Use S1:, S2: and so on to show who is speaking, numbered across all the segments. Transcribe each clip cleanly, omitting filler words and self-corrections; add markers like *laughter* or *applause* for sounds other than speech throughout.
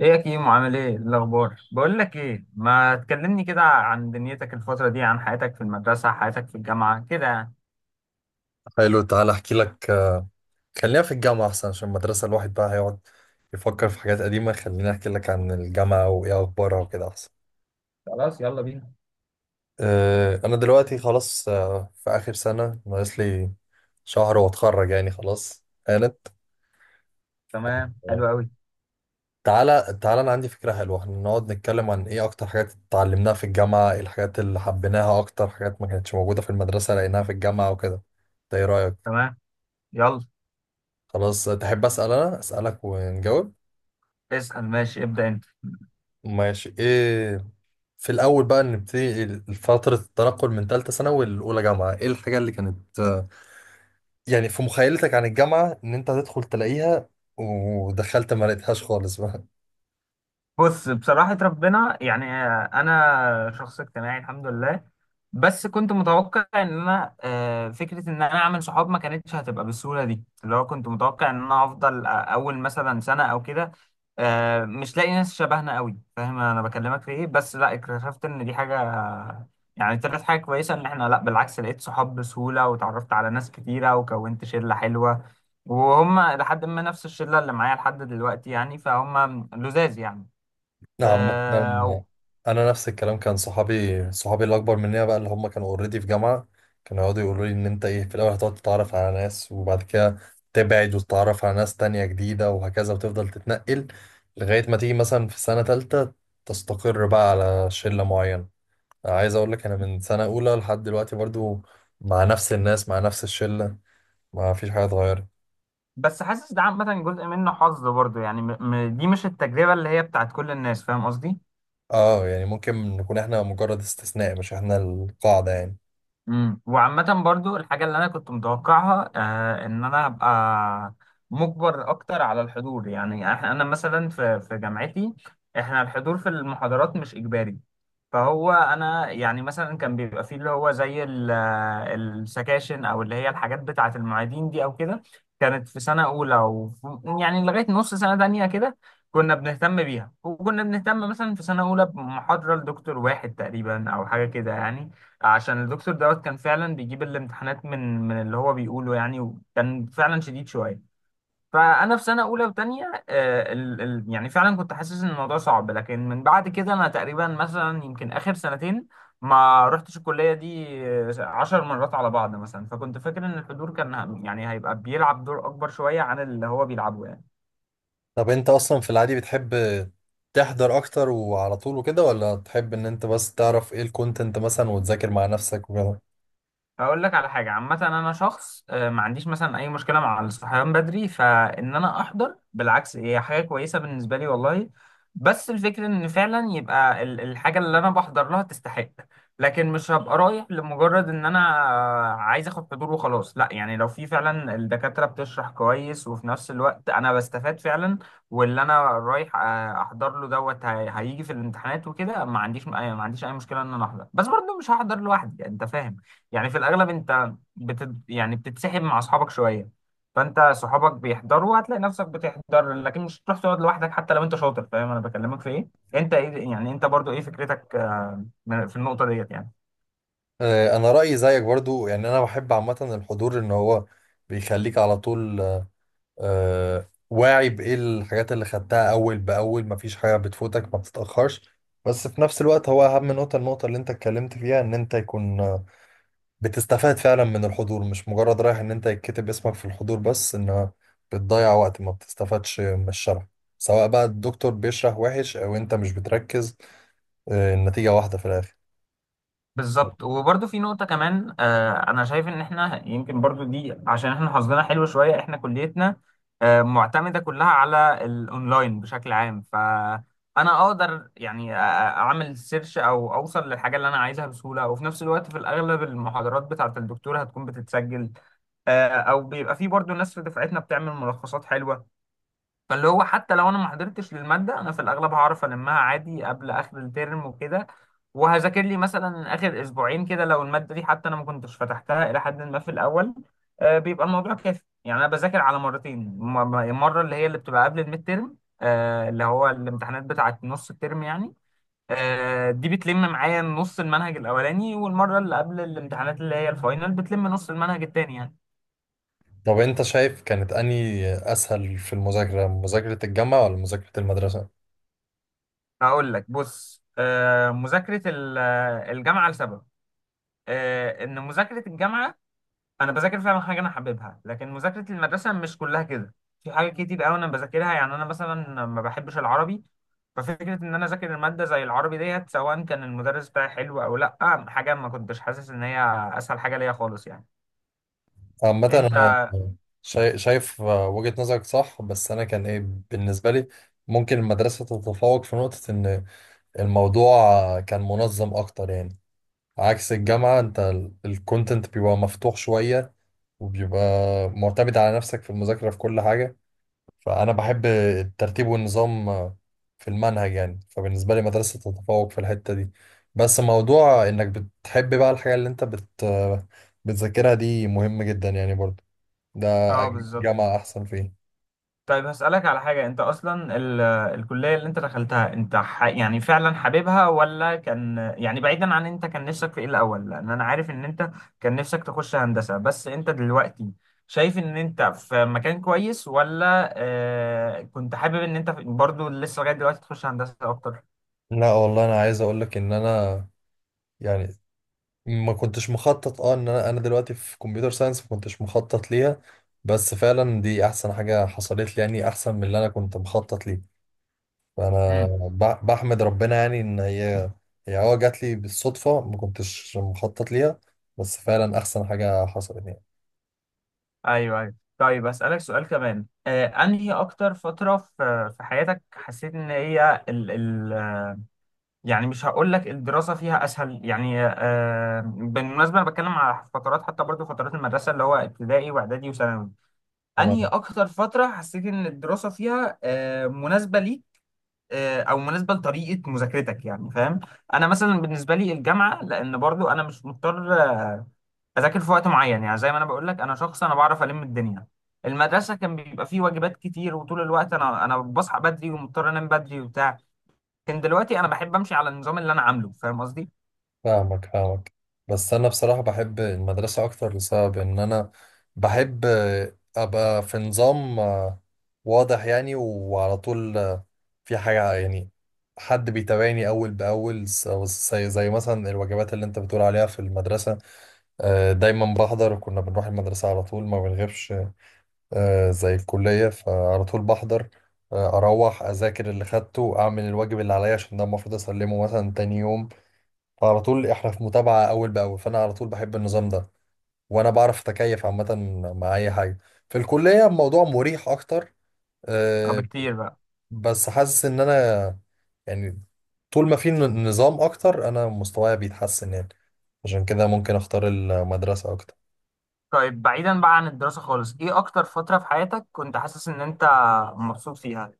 S1: ايه يا كيمو، عامل ايه؟ إيه الاخبار؟ بقول لك ايه، ما تكلمني كده عن دنيتك الفتره دي، عن حياتك في المدرسه، حياتك في الجامعه كده يعني.
S2: حلو، تعالى احكي لك. خلينا في الجامعة احسن، عشان المدرسة الواحد بقى هيقعد يفكر في حاجات قديمة. خليني احكي لك عن الجامعة وايه اخبارها وكده احسن.
S1: خلاص يلا بينا.
S2: انا دلوقتي خلاص، في اخر سنة، ناقص لي شهر واتخرج يعني، خلاص قالت.
S1: تمام،
S2: أه،
S1: حلو قوي.
S2: تعالى انا عندي فكرة حلوة، احنا نقعد نتكلم عن ايه اكتر حاجات اتعلمناها في الجامعة، ايه الحاجات اللي حبيناها، اكتر حاجات ما كانتش موجودة في المدرسة لقيناها في الجامعة وكده. ده ايه رأيك؟
S1: تمام، يلا.
S2: خلاص، تحب اسأل انا اسألك ونجاوب.
S1: اسال، ماشي، ابدا انت.
S2: ماشي. ايه في الأول بقى نبتدي؟ فترة التنقل من تالتة ثانوي لأولى جامعة، إيه الحاجة اللي كانت، يعني في مخيلتك عن الجامعة، إن أنت هتدخل تلاقيها، ودخلت ما لقيتهاش خالص بقى؟
S1: بص، بصراحة ربنا يعني أنا شخص اجتماعي الحمد لله، بس كنت متوقع إن أنا فكرة إن أنا أعمل صحاب ما كانتش هتبقى بالسهولة دي، اللي هو كنت متوقع إن أنا هفضل أول مثلا سنة أو كده مش لاقي ناس شبهنا قوي، فاهم أنا بكلمك في إيه؟ بس لا، اكتشفت إن دي حاجة يعني طلعت حاجة كويسة، إن إحنا لا بالعكس لقيت صحاب بسهولة وتعرفت على ناس كتيرة وكونت شلة حلوة، وهم لحد ما نفس الشلة اللي معايا لحد دلوقتي يعني، فهم لزاز يعني.
S2: نعم، مثلا
S1: آه،
S2: أنا نفس الكلام. كان صحابي الأكبر مني بقى، اللي هم كانوا أوريدي في جامعة، كانوا يقعدوا يقولوا لي إن أنت إيه، في الأول هتقعد تتعرف على ناس، وبعد كده تبعد وتتعرف على ناس تانية جديدة، وهكذا، وتفضل تتنقل لغاية ما تيجي مثلا في سنة تالتة تستقر بقى على شلة معينة. عايز اقول لك انا من سنه اولى لحد دلوقتي برضو مع نفس الناس، مع نفس الشله، ما فيش حاجه اتغيرت.
S1: بس حاسس ده عامة جزء منه حظ برضه يعني، دي مش التجربة اللي هي بتاعت كل الناس، فاهم قصدي؟
S2: اه، يعني ممكن نكون احنا مجرد استثناء، مش احنا القاعده يعني.
S1: امم، وعامة برضو الحاجة اللي أنا كنت متوقعها آه، إن أنا أبقى مجبر أكتر على الحضور يعني، أنا مثلا في جامعتي إحنا الحضور في المحاضرات مش إجباري. فهو أنا يعني مثلا كان بيبقى فيه اللي هو زي السكاشن أو اللي هي الحاجات بتاعة المعيدين دي أو كده، كانت في سنة أولى أو يعني لغاية نص سنة تانية كده كنا بنهتم بيها، وكنا بنهتم مثلا في سنة أولى بمحاضرة لدكتور واحد تقريبا أو حاجة كده يعني، عشان الدكتور دوت كان فعلا بيجيب الامتحانات من اللي هو بيقوله يعني، وكان فعلا شديد شويه. فانا في سنه اولى وثانيه ال يعني فعلا كنت حاسس ان الموضوع صعب، لكن من بعد كده انا تقريبا مثلا يمكن اخر سنتين ما رحتش الكليه دي عشر مرات على بعض مثلا. فكنت فاكر ان الحضور كان يعني هيبقى بيلعب دور اكبر شويه عن اللي هو بيلعبه يعني.
S2: طب انت اصلا في العادي بتحب تحضر اكتر وعلى طول وكده، ولا تحب ان انت بس تعرف ايه الكونتنت مثلا وتذاكر مع نفسك وكده؟
S1: هقول لك على حاجة، عامة أنا شخص ما عنديش مثلا أي مشكلة مع الصحيان بدري، فإن أنا أحضر بالعكس هي حاجة كويسة بالنسبة لي والله. بس الفكرة إن فعلا يبقى الحاجة اللي أنا بحضر لها تستحق، لكن مش هبقى رايح لمجرد إن أنا عايز آخد حضور وخلاص. لا يعني لو في فعلا الدكاترة بتشرح كويس وفي نفس الوقت أنا بستفاد فعلا، واللي أنا رايح أحضر له دوت هيجي في الامتحانات وكده، ما عنديش أي مشكلة إن أنا أحضر، بس برضه مش هحضر لوحدي، يعني أنت فاهم. يعني في الاغلب انت يعني بتتسحب مع اصحابك شويه، فانت صحابك بيحضروا هتلاقي نفسك بتحضر، لكن مش هتروح تقعد لوحدك حتى لو انت شاطر، فاهم انا بكلمك في ايه؟ انت ايه يعني، انت برضو ايه فكرتك في النقطه ديت يعني؟
S2: آه، انا رايي زيك برضو، يعني انا بحب عامه الحضور، ان هو بيخليك على طول واعي بايه الحاجات اللي خدتها اول باول، مفيش حاجه بتفوتك، ما بتتاخرش. بس في نفس الوقت هو اهم نقطه، النقطه اللي انت اتكلمت فيها، ان انت يكون بتستفاد فعلا من الحضور، مش مجرد رايح ان انت يتكتب اسمك في الحضور بس، ان بتضيع وقت ما بتستفادش من الشرح. سواء بقى الدكتور بيشرح وحش او انت مش بتركز، النتيجه واحده في الاخر.
S1: بالظبط. وبرضه في نقطة كمان، آه، أنا شايف إن إحنا يمكن برضه دي عشان إحنا حظنا حلو شوية، إحنا كليتنا آه معتمدة كلها على الأونلاين بشكل عام، فأنا أقدر يعني أعمل سيرش أو أوصل للحاجة اللي أنا عايزها بسهولة، وفي نفس الوقت في الأغلب المحاضرات بتاعة الدكتور هتكون بتتسجل، آه، أو بيبقى في برضه ناس في دفعتنا بتعمل ملخصات حلوة. فاللي هو حتى لو انا ما حضرتش للماده، انا في الاغلب هعرف المها عادي قبل اخر الترم وكده، وهذاكر لي مثلا اخر اسبوعين كده لو الماده دي حتى انا ما كنتش فتحتها الى حد ما في الاول، بيبقى الموضوع كافي يعني. انا بذاكر على مرتين، مره اللي هي اللي بتبقى قبل الميد ترم، اللي هو الامتحانات بتاعه نص الترم يعني، دي بتلم معايا نص المنهج الاولاني، والمره اللي قبل الامتحانات اللي هي الفاينل بتلم نص المنهج التاني يعني.
S2: طب انت شايف كانت اني اسهل في المذاكره، مذاكره الجامعه ولا مذاكره المدرسه؟
S1: هقول لك بص، آه، مذاكره ال- الجامعه لسبب، ان مذاكره الجامعه انا بذاكر فعلا حاجه انا حاببها، لكن مذاكره المدرسه مش كلها كده. في حاجات كتير قوي انا بذاكرها يعني انا مثلا ما بحبش العربي، ففكره ان انا اذاكر الماده زي العربي ديت سواء كان المدرس بتاعي حلو او لا، حاجه ما كنتش حاسس ان هي اسهل حاجه ليا خالص يعني.
S2: عامة
S1: انت،
S2: أنا شايف وجهة نظرك صح، بس أنا كان إيه بالنسبة لي، ممكن المدرسة تتفوق في نقطة إن الموضوع كان منظم أكتر يعني. عكس الجامعة، أنت الكونتنت بيبقى مفتوح شوية، وبيبقى معتمد على نفسك في المذاكرة في كل حاجة. فأنا بحب الترتيب والنظام في المنهج يعني، فبالنسبة لي مدرسة تتفوق في الحتة دي. بس موضوع إنك بتحب بقى الحاجة اللي أنت بتذاكرها دي مهم جدا يعني برضه. ده
S1: اه
S2: أجيب
S1: بالظبط.
S2: جامعة أحسن فيه.
S1: طيب هسألك على حاجة، انت اصلا ال... آه، الكلية اللي انت دخلتها انت يعني فعلا حاببها، ولا كان يعني بعيدا عن انت كان نفسك في ايه الاول؟ لان انا عارف ان انت كان نفسك تخش هندسة، بس انت دلوقتي شايف ان انت في مكان كويس ولا آه، كنت حابب ان انت برضو لسه لغاية دلوقتي تخش هندسة اكتر؟
S2: لا والله، أنا عايز أقول لك إن أنا يعني ما كنتش مخطط، أه إن أنا دلوقتي في كمبيوتر ساينس، ما كنتش مخطط ليها. بس فعلا دي أحسن حاجة حصلت لي يعني، أحسن من اللي أنا كنت مخطط ليه. فأنا
S1: امم.
S2: بحمد ربنا يعني إن هي أه جات لي بالصدفة، ما كنتش مخطط ليها، بس فعلا أحسن حاجة حصلت
S1: ايوه ايوه، طيب اسألك سؤال كمان، آه، انهي اكتر فترة في حياتك حسيت ان هي يعني، مش هقول لك الدراسة فيها أسهل يعني، آه، بالمناسبة أنا بتكلم على فترات، حتى برضو فترات المدرسة اللي هو ابتدائي وإعدادي وثانوي، أنهي
S2: يعني.
S1: أكتر فترة حسيت إن الدراسة فيها آه مناسبة ليك، آه، أو مناسبة لطريقة مذاكرتك يعني، فاهم؟ أنا مثلا بالنسبة لي الجامعة، لأن برضو أنا مش مضطر أذاكر في وقت معين، يعني زي ما أنا بقول لك أنا شخص أنا بعرف ألم الدنيا. المدرسة كان بيبقى فيه واجبات كتير وطول الوقت أنا بصحى بدري ومضطر أنام بدري وبتاع، لكن دلوقتي أنا بحب أمشي على النظام اللي أنا عامله، فاهم قصدي؟
S2: فاهمك. بس انا بصراحة بحب المدرسة اكتر، لسبب ان انا بحب ابقى في نظام واضح يعني، وعلى طول في حاجة يعني، حد بيتابعني اول باول. زي مثلا الوجبات اللي انت بتقول عليها في المدرسة، دايما بحضر، وكنا بنروح المدرسة على طول ما بنغيبش. زي الكلية، فعلى طول بحضر، اروح اذاكر اللي خدته، اعمل الواجب اللي عليا عشان ده المفروض اسلمه مثلا تاني يوم. فعلى طول احنا في متابعة أول بأول، فأنا على طول بحب النظام ده، وأنا بعرف أتكيف عامة مع أي حاجة. في الكلية الموضوع مريح أكتر،
S1: اه
S2: أه.
S1: بكتير بقى.
S2: بس حاسس إن أنا يعني طول ما في نظام أكتر أنا مستواي بيتحسن يعني، عشان كده ممكن أختار المدرسة أكتر.
S1: طيب بعيدا بقى عن الدراسة خالص، ايه اكتر فترة في حياتك كنت حاسس ان انت مبسوط فيها،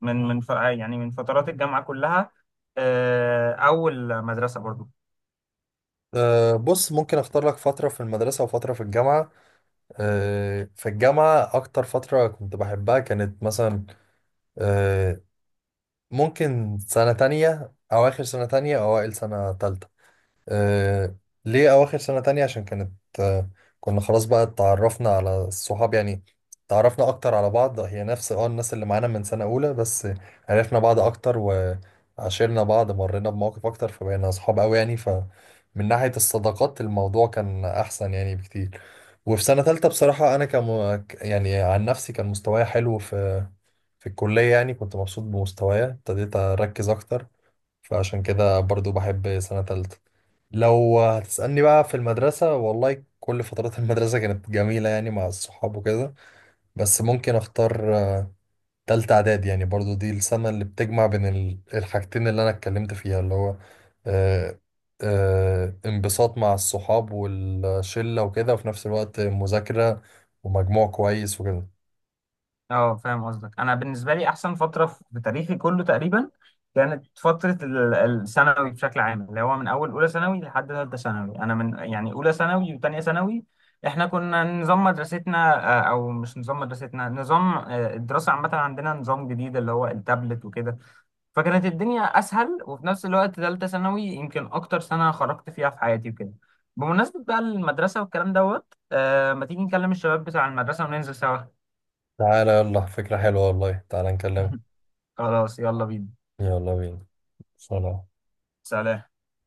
S1: يعني من فترات الجامعة كلها، آه، او المدرسة برضو؟
S2: أه بص، ممكن أختار لك فترة في المدرسة وفترة في الجامعة. أه، في الجامعة أكتر فترة كنت بحبها كانت مثلا، أه، ممكن سنة تانية، أواخر سنة تانية أو أوائل سنة تالتة. آه، ليه أواخر سنة تانية؟ عشان كانت، آه، كنا خلاص بقى اتعرفنا على الصحاب يعني، تعرفنا أكتر على بعض، هي نفس اه الناس اللي معانا من سنة أولى، بس عرفنا بعض أكتر وعاشرنا بعض، مرينا بمواقف أكتر، فبقينا أصحاب أوي يعني. فمن ناحية الصداقات الموضوع كان أحسن يعني بكتير. وفي سنة تالتة بصراحة أنا كم يعني عن نفسي كان مستواي حلو في في الكلية يعني، كنت مبسوط بمستواي، ابتديت أركز أكتر، فعشان كده برضو بحب سنة تالتة. لو هتسألني بقى في المدرسة، والله كل فترات *laughs* المدرسة كانت جميلة يعني، مع الصحاب وكده. بس ممكن اختار تالتة اعداد، يعني برضو دي السنة اللي بتجمع بين الحاجتين اللي انا اتكلمت فيها، اللي هو آه، انبساط مع الصحاب والشلة وكده، وفي نفس الوقت مذاكرة ومجموع كويس وكده.
S1: اه فاهم قصدك. انا بالنسبة لي احسن فترة في تاريخي كله تقريبا كانت فترة الثانوي بشكل عام، اللي هو من اول اولى ثانوي لحد ثالثة ثانوي. انا من يعني اولى ثانوي وثانية ثانوي احنا كنا نظام مدرستنا نظام الدراسة عامة عندنا نظام جديد اللي هو التابلت وكده، فكانت الدنيا اسهل. وفي نفس الوقت ثالثه ثانوي يمكن اكتر سنه خرجت فيها في حياتي وكده. بمناسبه بقى المدرسه والكلام دوت آه، ما تيجي نكلم الشباب بتاع المدرسه وننزل سوا؟
S2: تعالى يلا، فكرة حلوة والله، تعالى نكلمه.
S1: *laughs* خلاص يلا بينا.
S2: يلا بينا. سلام.
S1: سلام.